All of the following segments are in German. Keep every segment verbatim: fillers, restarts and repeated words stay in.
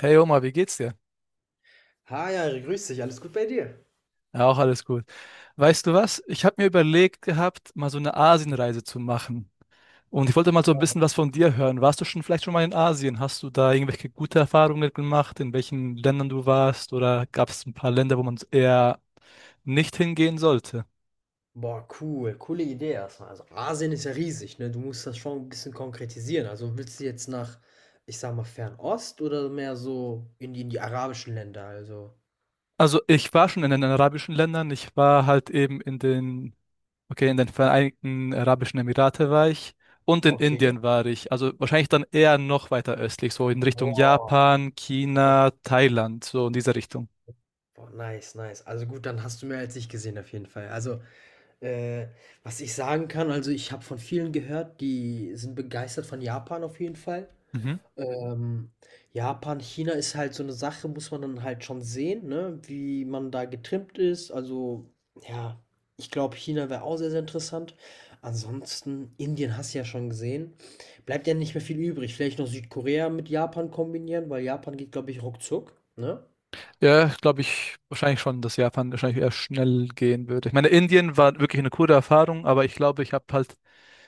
Hey Oma, wie geht's dir? Hi, Ari, grüß dich, alles gut bei dir? Ja, auch alles gut. Weißt du was? Ich habe mir überlegt gehabt, mal so eine Asienreise zu machen. Und ich wollte mal so ein bisschen was von dir hören. Warst du schon vielleicht schon mal in Asien? Hast du da irgendwelche gute Erfahrungen gemacht, in welchen Ländern du warst? Oder gab es ein paar Länder, wo man eher nicht hingehen sollte? Boah, cool, coole Idee erstmal. Also Asien ist ja riesig, ne? Du musst das schon ein bisschen konkretisieren. Also willst du jetzt nach, ich sag mal, Fernost oder mehr so in die, in die arabischen Länder? Also. Also ich war schon in den arabischen Ländern. Ich war halt eben in den Okay, in den Vereinigten Arabischen Emirate war ich und in Okay. Indien war ich. Also wahrscheinlich dann eher noch weiter östlich, so in Richtung Boah. Japan, China, Okay. Thailand, so in diese Richtung. Boah, nice, nice. Also gut, dann hast du mehr als ich gesehen auf jeden Fall. Also, äh, was ich sagen kann, also ich habe von vielen gehört, die sind begeistert von Japan auf jeden Fall. Mhm. Ähm, Japan, China ist halt so eine Sache, muss man dann halt schon sehen, ne, wie man da getrimmt ist. Also, ja, ich glaube, China wäre auch sehr, sehr interessant. Ansonsten, Indien hast du ja schon gesehen. Bleibt ja nicht mehr viel übrig. Vielleicht noch Südkorea mit Japan kombinieren, weil Japan geht, glaube ich, ruckzuck, ne? Ja, glaube ich wahrscheinlich schon, dass Japan wahrscheinlich eher schnell gehen würde. Ich meine, Indien war wirklich eine coole Erfahrung, aber ich glaube, ich habe halt,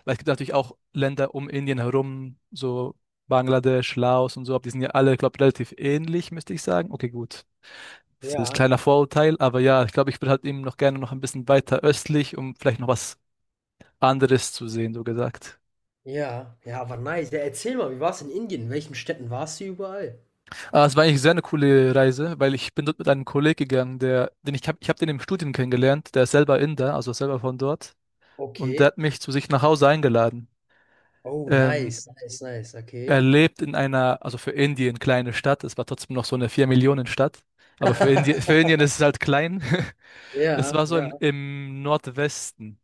weil es gibt natürlich auch Länder um Indien herum, so Bangladesch, Laos und so, aber die sind ja alle, glaube ich, relativ ähnlich, müsste ich sagen. Okay, gut. Das ist ein Ja, kleiner Vorurteil, aber ja, ich glaube, ich würde halt eben noch gerne noch ein bisschen weiter östlich, um vielleicht noch was anderes zu sehen, so gesagt. ja, ja, aber nice. Ja, erzähl mal, wie war's in Indien? In welchen Städten warst du überall? Aber es war eigentlich sehr eine coole Reise, weil ich bin dort mit einem Kollegen gegangen, der, den ich habe, ich habe den im Studium kennengelernt, der ist selber Inder, also selber von dort, und der Okay. hat mich zu sich nach Hause eingeladen. Oh, Ähm, nice, nice, nice, Er okay. lebt in einer, also für Indien kleine Stadt, es war trotzdem noch so eine vier millionen stadt, aber für Indien, für Indien ist es halt klein. Es Ja, war so ja, im, im Nordwesten.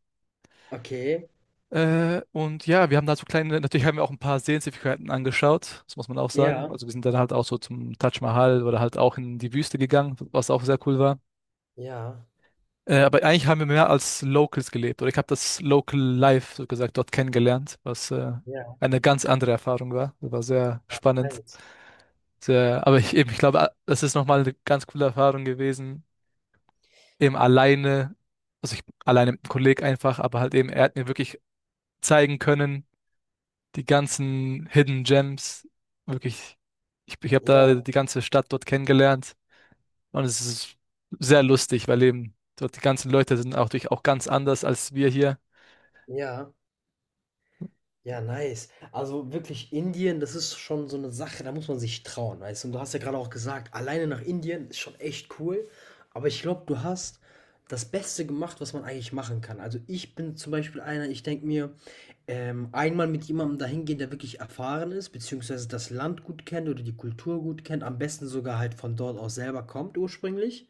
okay. Äh, und ja, wir haben da so kleine, natürlich haben wir auch ein paar Sehenswürdigkeiten angeschaut, das muss man auch sagen. Ja, Also wir sind dann halt auch so zum Taj Mahal oder halt auch in die Wüste gegangen, was auch sehr cool war. ja, Äh, aber eigentlich haben wir mehr als Locals gelebt oder ich habe das Local Life, so gesagt, dort kennengelernt, was äh, ja, eine ganz andere Erfahrung war. Das war sehr spannend. nice. Sehr, aber ich eben, ich glaube, ah, das ist nochmal eine ganz coole Erfahrung gewesen, eben alleine, also ich alleine mit einem Kollegen einfach, aber halt eben, er hat mir wirklich zeigen können, die ganzen Hidden Gems. Wirklich, ich, ich habe da Ja, die ganze Stadt dort kennengelernt und es ist sehr lustig, weil eben dort die ganzen Leute sind auch durch auch ganz anders als wir hier. ja, ja, nice. Also wirklich Indien, das ist schon so eine Sache, da muss man sich trauen, weißt du? Und du hast ja gerade auch gesagt, alleine nach Indien ist schon echt cool, aber ich glaube, du hast das Beste gemacht, was man eigentlich machen kann. Also, ich bin zum Beispiel einer, ich denke mir, ähm, einmal mit jemandem dahin gehen, der wirklich erfahren ist, beziehungsweise das Land gut kennt oder die Kultur gut kennt, am besten sogar halt von dort aus selber kommt ursprünglich.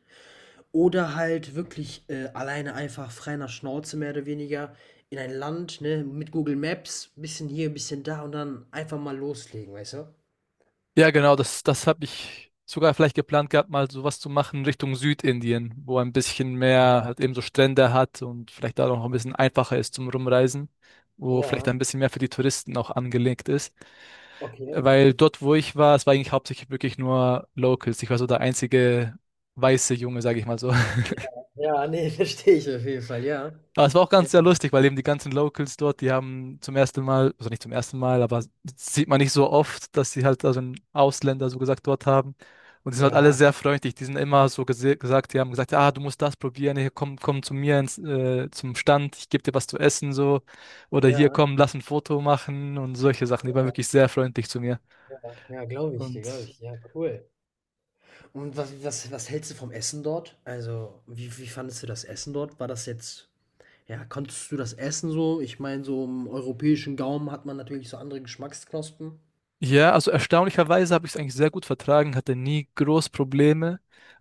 Oder halt wirklich, äh, alleine einfach frei nach Schnauze mehr oder weniger in ein Land, ne, mit Google Maps, bisschen hier, bisschen da und dann einfach mal loslegen, weißt du? Ja, genau, das, das habe ich sogar vielleicht geplant gehabt, mal sowas zu machen Richtung Südindien, wo ein bisschen mehr Ja, halt eben so Strände hat und vielleicht da noch ein bisschen einfacher ist zum Rumreisen, wo vielleicht ja, ein bisschen mehr für die Touristen auch angelegt ist. okay. Weil dort, wo ich war, es war eigentlich hauptsächlich wirklich nur Locals. Ich war so der einzige weiße Junge, sage ich mal so. Ja, ja, ne, verstehe ich auf jeden Fall, ja. Aber es war auch Ja, ganz sehr lustig, weil eben die ganzen Locals dort, die haben zum ersten Mal, also nicht zum ersten Mal, aber sieht man nicht so oft, dass sie halt also einen Ausländer so gesagt dort haben. Und die sind halt alle ja, sehr freundlich. Die sind immer so gese- gesagt, die haben gesagt, ah, du musst das probieren, hier komm, komm zu mir ins, äh, zum Stand, ich gebe dir was zu essen so. Oder hier ja, komm, lass ein Foto machen und solche Sachen. Die waren wirklich sehr freundlich zu mir. ja, ja, glaube ich dir, glaube Und ich. Ja, cool. Und was was was hältst du vom Essen dort? Also, wie wie fandest du das Essen dort? War das jetzt ja, konntest du das essen so? Ich meine, so im europäischen Gaumen hat man natürlich so andere Geschmacksknospen. ja, also erstaunlicherweise habe ich es eigentlich sehr gut vertragen, hatte nie groß Probleme.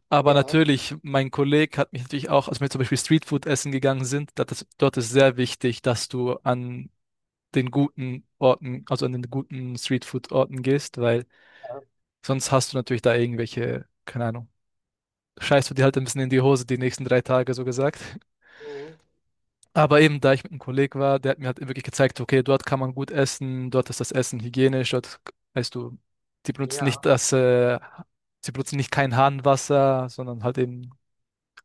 Aber Ja, natürlich, mein Kollege hat mich natürlich auch, als wir zum Beispiel Streetfood essen gegangen sind, dat ist, dort ist sehr wichtig, dass du an den guten Orten, also an den guten Streetfood-Orten gehst, weil ja, sonst hast du natürlich da irgendwelche, keine Ahnung, scheißt du dir halt ein bisschen in die Hose die nächsten drei Tage, so gesagt. mhm. Aber eben, da ich mit einem Kollegen war, der hat mir halt wirklich gezeigt, okay, dort kann man gut essen, dort ist das Essen hygienisch, dort, weißt du, die benutzen nicht Ja. das, äh, sie benutzen nicht kein Hahnwasser, sondern halt eben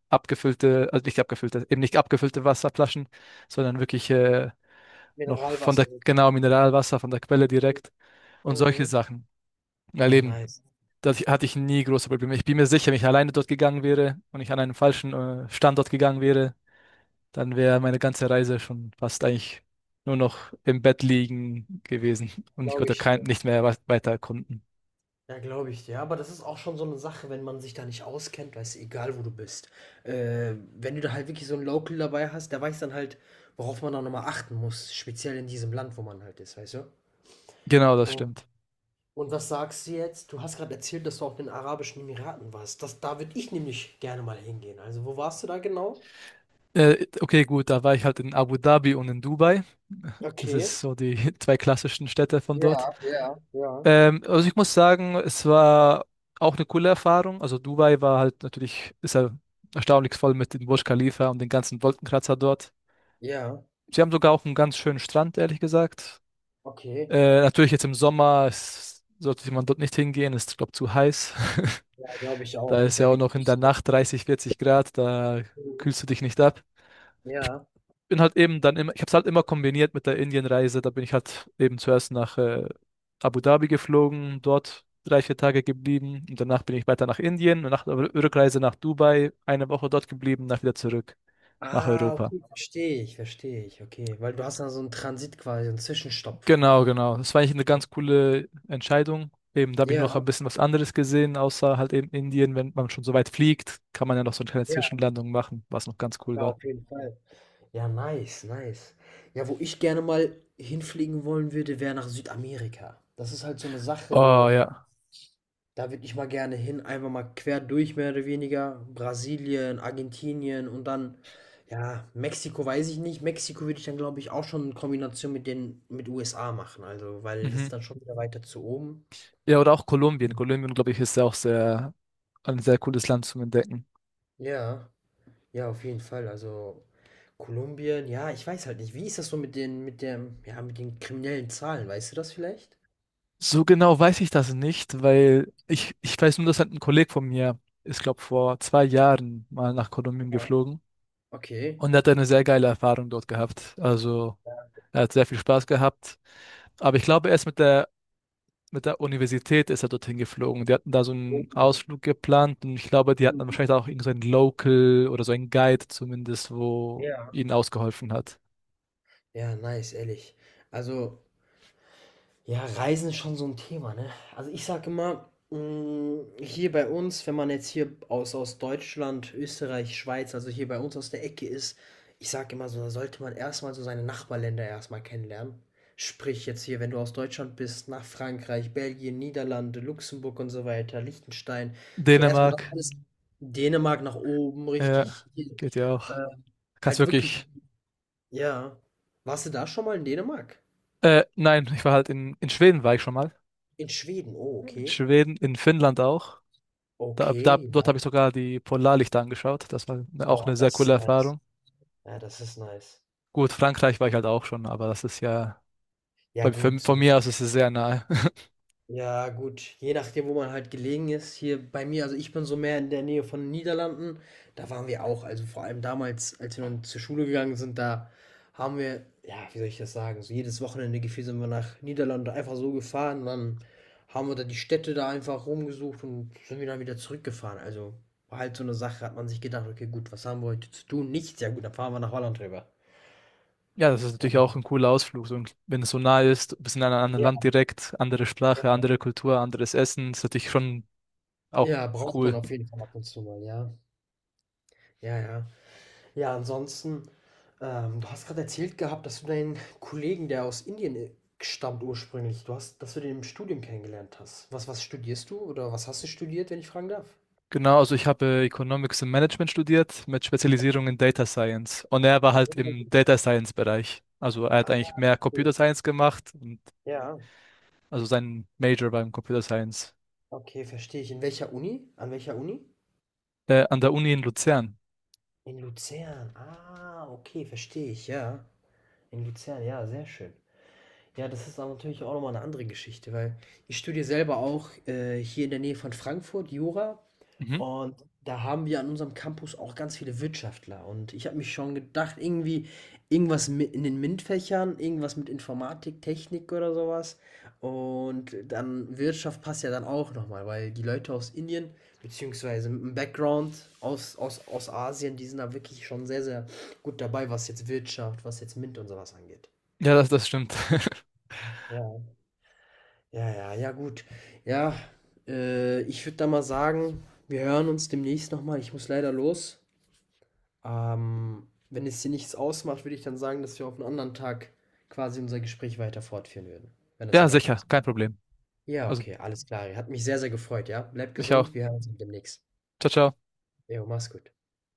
abgefüllte, also nicht abgefüllte, eben nicht abgefüllte Wasserflaschen, sondern wirklich äh, noch von Mineralwasser der, genau, sozusagen. Mineralwasser, von der Quelle direkt und solche Mhm. Sachen. Weil Ja, eben, nice. da hatte ich nie große Probleme. Ich bin mir sicher, wenn ich alleine dort gegangen wäre und ich an einen falschen äh, Standort gegangen wäre, dann wäre meine ganze Reise schon fast eigentlich nur noch im Bett liegen gewesen und ich Glaube konnte ich kein, dir. nicht mehr was- weiter erkunden. Ja, glaube ich dir. Aber das ist auch schon so eine Sache, wenn man sich da nicht auskennt, weißt du, egal wo du bist. Äh, wenn du da halt wirklich so 'n Local dabei hast, der weiß dann halt, worauf man da nochmal achten muss, speziell in diesem Land, wo man halt ist, weißt du? Genau, das Und stimmt. und was sagst du jetzt? Du hast gerade erzählt, dass du auch in den Arabischen Emiraten warst. Das da würde ich nämlich gerne mal hingehen. Also, wo warst du da genau? Äh, okay, gut, da war ich halt in Abu Dhabi und in Dubai. Das Okay. ist so die zwei klassischen Städte von dort. Ja, ja, ja. Ähm, also ich muss sagen, es war auch eine coole Erfahrung. Also Dubai war halt natürlich, ist ja erstaunlich voll mit dem Burj Khalifa und den ganzen Wolkenkratzer dort. Ja, Sie haben sogar auch einen ganz schönen Strand, ehrlich gesagt. okay. Äh, natürlich jetzt im Sommer s- sollte man dort nicht hingehen, ist, glaube zu heiß. Glaube ich Da auch. ist Ist ja ja auch wie noch in der Düsseldorf. Nacht dreißig, vierzig Grad, da Mhm. kühlst du dich nicht ab. Ich Ja. bin halt eben dann immer, ich habe es halt immer kombiniert mit der Indienreise. Da bin ich halt eben zuerst nach äh, Abu Dhabi geflogen, dort drei, vier Tage geblieben und danach bin ich weiter nach Indien und nach der Rückreise nach Dubai eine Woche dort geblieben, nach wieder zurück nach Ah, Europa. okay, verstehe ich, verstehe ich. Okay, weil du hast dann so einen Transit quasi, so einen Zwischenstopp. Genau, genau. Das war eigentlich eine ganz coole Entscheidung. Eben, da habe ich Ja, noch ein bisschen was anderes gesehen, außer halt eben Indien. Wenn man schon so weit fliegt, kann man ja noch so eine kleine ja, Zwischenlandung machen, was noch ganz cool ja, war. auf jeden Fall. Ja, nice, nice. Ja, wo ich gerne mal hinfliegen wollen würde, wäre nach Südamerika. Das ist halt so eine Sache, Oh so. ja. Da würde ich mal gerne hin, einfach mal quer durch mehr oder weniger. Brasilien, Argentinien und dann, ja, Mexiko weiß ich nicht. Mexiko würde ich dann, glaube ich, auch schon in Kombination mit den, mit U S A machen. Also, weil das Mhm. ist dann schon wieder weiter zu oben. Ja, oder auch Kolumbien. Mhm. Kolumbien, glaube ich, ist ja auch sehr, ein sehr cooles Land zum Entdecken. Ja, ja, auf jeden Fall. Also Kolumbien, ja, ich weiß halt nicht. Wie ist das so mit den, mit der, ja, mit den kriminellen Zahlen? Weißt du das vielleicht? So genau weiß ich das nicht, weil ich, ich weiß nur, dass halt ein Kollege von mir ist, glaube vor zwei Jahren mal nach Kolumbien Ja. geflogen Okay. und er hat eine sehr geile Erfahrung dort gehabt. Also er hat sehr viel Spaß gehabt. Aber ich glaube, er ist mit der mit der Universität ist er dorthin geflogen. Die hatten da so Oh. einen Ausflug geplant und ich glaube, die hatten dann Mhm. wahrscheinlich auch irgend so einen Local oder so einen Guide zumindest, wo Ja. ihnen ausgeholfen hat. Ja, nice, ehrlich. Also. Ja, Reisen ist schon so ein Thema, ne? Also, ich sage immer, hm, hier bei uns, wenn man jetzt hier aus aus Deutschland, Österreich, Schweiz, also hier bei uns aus der Ecke ist, ich sage immer so, da sollte man erstmal so seine Nachbarländer erstmal kennenlernen. Sprich jetzt hier, wenn du aus Deutschland bist, nach Frankreich, Belgien, Niederlande, Luxemburg und so weiter, Liechtenstein. So erstmal das Dänemark, alles Dänemark nach oben, ja, richtig hier, geht ja äh, auch. Kannst halt wirklich so, wirklich. ja. Warst du da schon mal in Dänemark? Äh, nein, ich war halt in, in Schweden war ich schon mal. In Schweden, oh, In okay. Schweden, in Finnland auch. Da, da, Okay, Dort ja. habe ich sogar die Polarlichter angeschaut. Das war ne- auch Boah, eine sehr das ist coole nice. Erfahrung. Ja, das ist nice. Gut, Frankreich war ich halt auch schon, aber das ist ja Ja, bei, für, gut, so. von mir aus ist es sehr nahe. Ja, gut. Je nachdem, wo man halt gelegen ist. Hier bei mir, also ich bin so mehr in der Nähe von den Niederlanden. Da waren wir auch. Also vor allem damals, als wir noch zur Schule gegangen sind, da haben wir, ja, wie soll ich das sagen? So jedes Wochenende gefühlt sind wir nach Niederlande einfach so gefahren. Dann haben wir da die Städte da einfach rumgesucht und sind wir dann wieder zurückgefahren. Also war halt so eine Sache, hat man sich gedacht, okay, gut, was haben wir heute zu tun? Nichts. Ja, gut, dann fahren wir nach Holland rüber. Ja, das ist Ja, natürlich auch ein cooler Ausflug. So, ein- wenn es so nah ist, du bist in einem anderen ja. Land direkt, andere Sprache, andere Kultur, anderes Essen, ist natürlich schon auch Ja, braucht man cool. auf jeden Fall ab und zu mal, ja. Ja, ja. Ja, ansonsten, ähm, du hast gerade erzählt gehabt, dass du deinen Kollegen, der aus Indien, äh, stammt ursprünglich, du hast, dass du den im Studium kennengelernt hast. Was was studierst du oder was hast du studiert, wenn ich fragen darf? Genau, also ich habe Economics und Management studiert mit Spezialisierung in Data Science. Und er war halt im Oh, Data Science Bereich. Also er hat ah, eigentlich mehr Computer okay. Science gemacht und Ja, also sein Major war im Computer Science. okay, verstehe ich. In welcher Uni? An welcher Uni? Äh, an der Uni in Luzern. In Luzern. Ah, okay, verstehe ich, ja. In Luzern, ja, sehr schön. Ja, das ist aber natürlich auch noch mal 'ne andere Geschichte, weil ich studiere selber auch, äh, hier in der Nähe von Frankfurt Jura. Mhm. Und da haben wir an unserem Campus auch ganz viele Wirtschaftler. Und ich habe mich schon gedacht, irgendwie irgendwas mit in den MINT-Fächern, irgendwas mit Informatik, Technik oder sowas. Und dann Wirtschaft passt ja dann auch nochmal, weil die Leute aus Indien, beziehungsweise mit einem Background aus, aus, aus Asien, die sind da wirklich schon sehr, sehr gut dabei, was jetzt Wirtschaft, was jetzt MINT und sowas angeht. Ja, das, das stimmt. Ja. Ja, ja, ja, gut. Ja, äh, ich würde da mal sagen, wir hören uns demnächst nochmal. Ich muss leider los. Ähm, wenn es dir nichts ausmacht, würde ich dann sagen, dass wir auf einen anderen Tag quasi unser Gespräch weiter fortführen würden, wenn das Ja, in Ordnung sicher, ist. kein Problem. Ja, Also, okay, alles klar. Hat mich sehr, sehr gefreut, ja? Bleibt ich auch. gesund, wir hören uns demnächst. Ciao, ciao. Jo, mach's gut.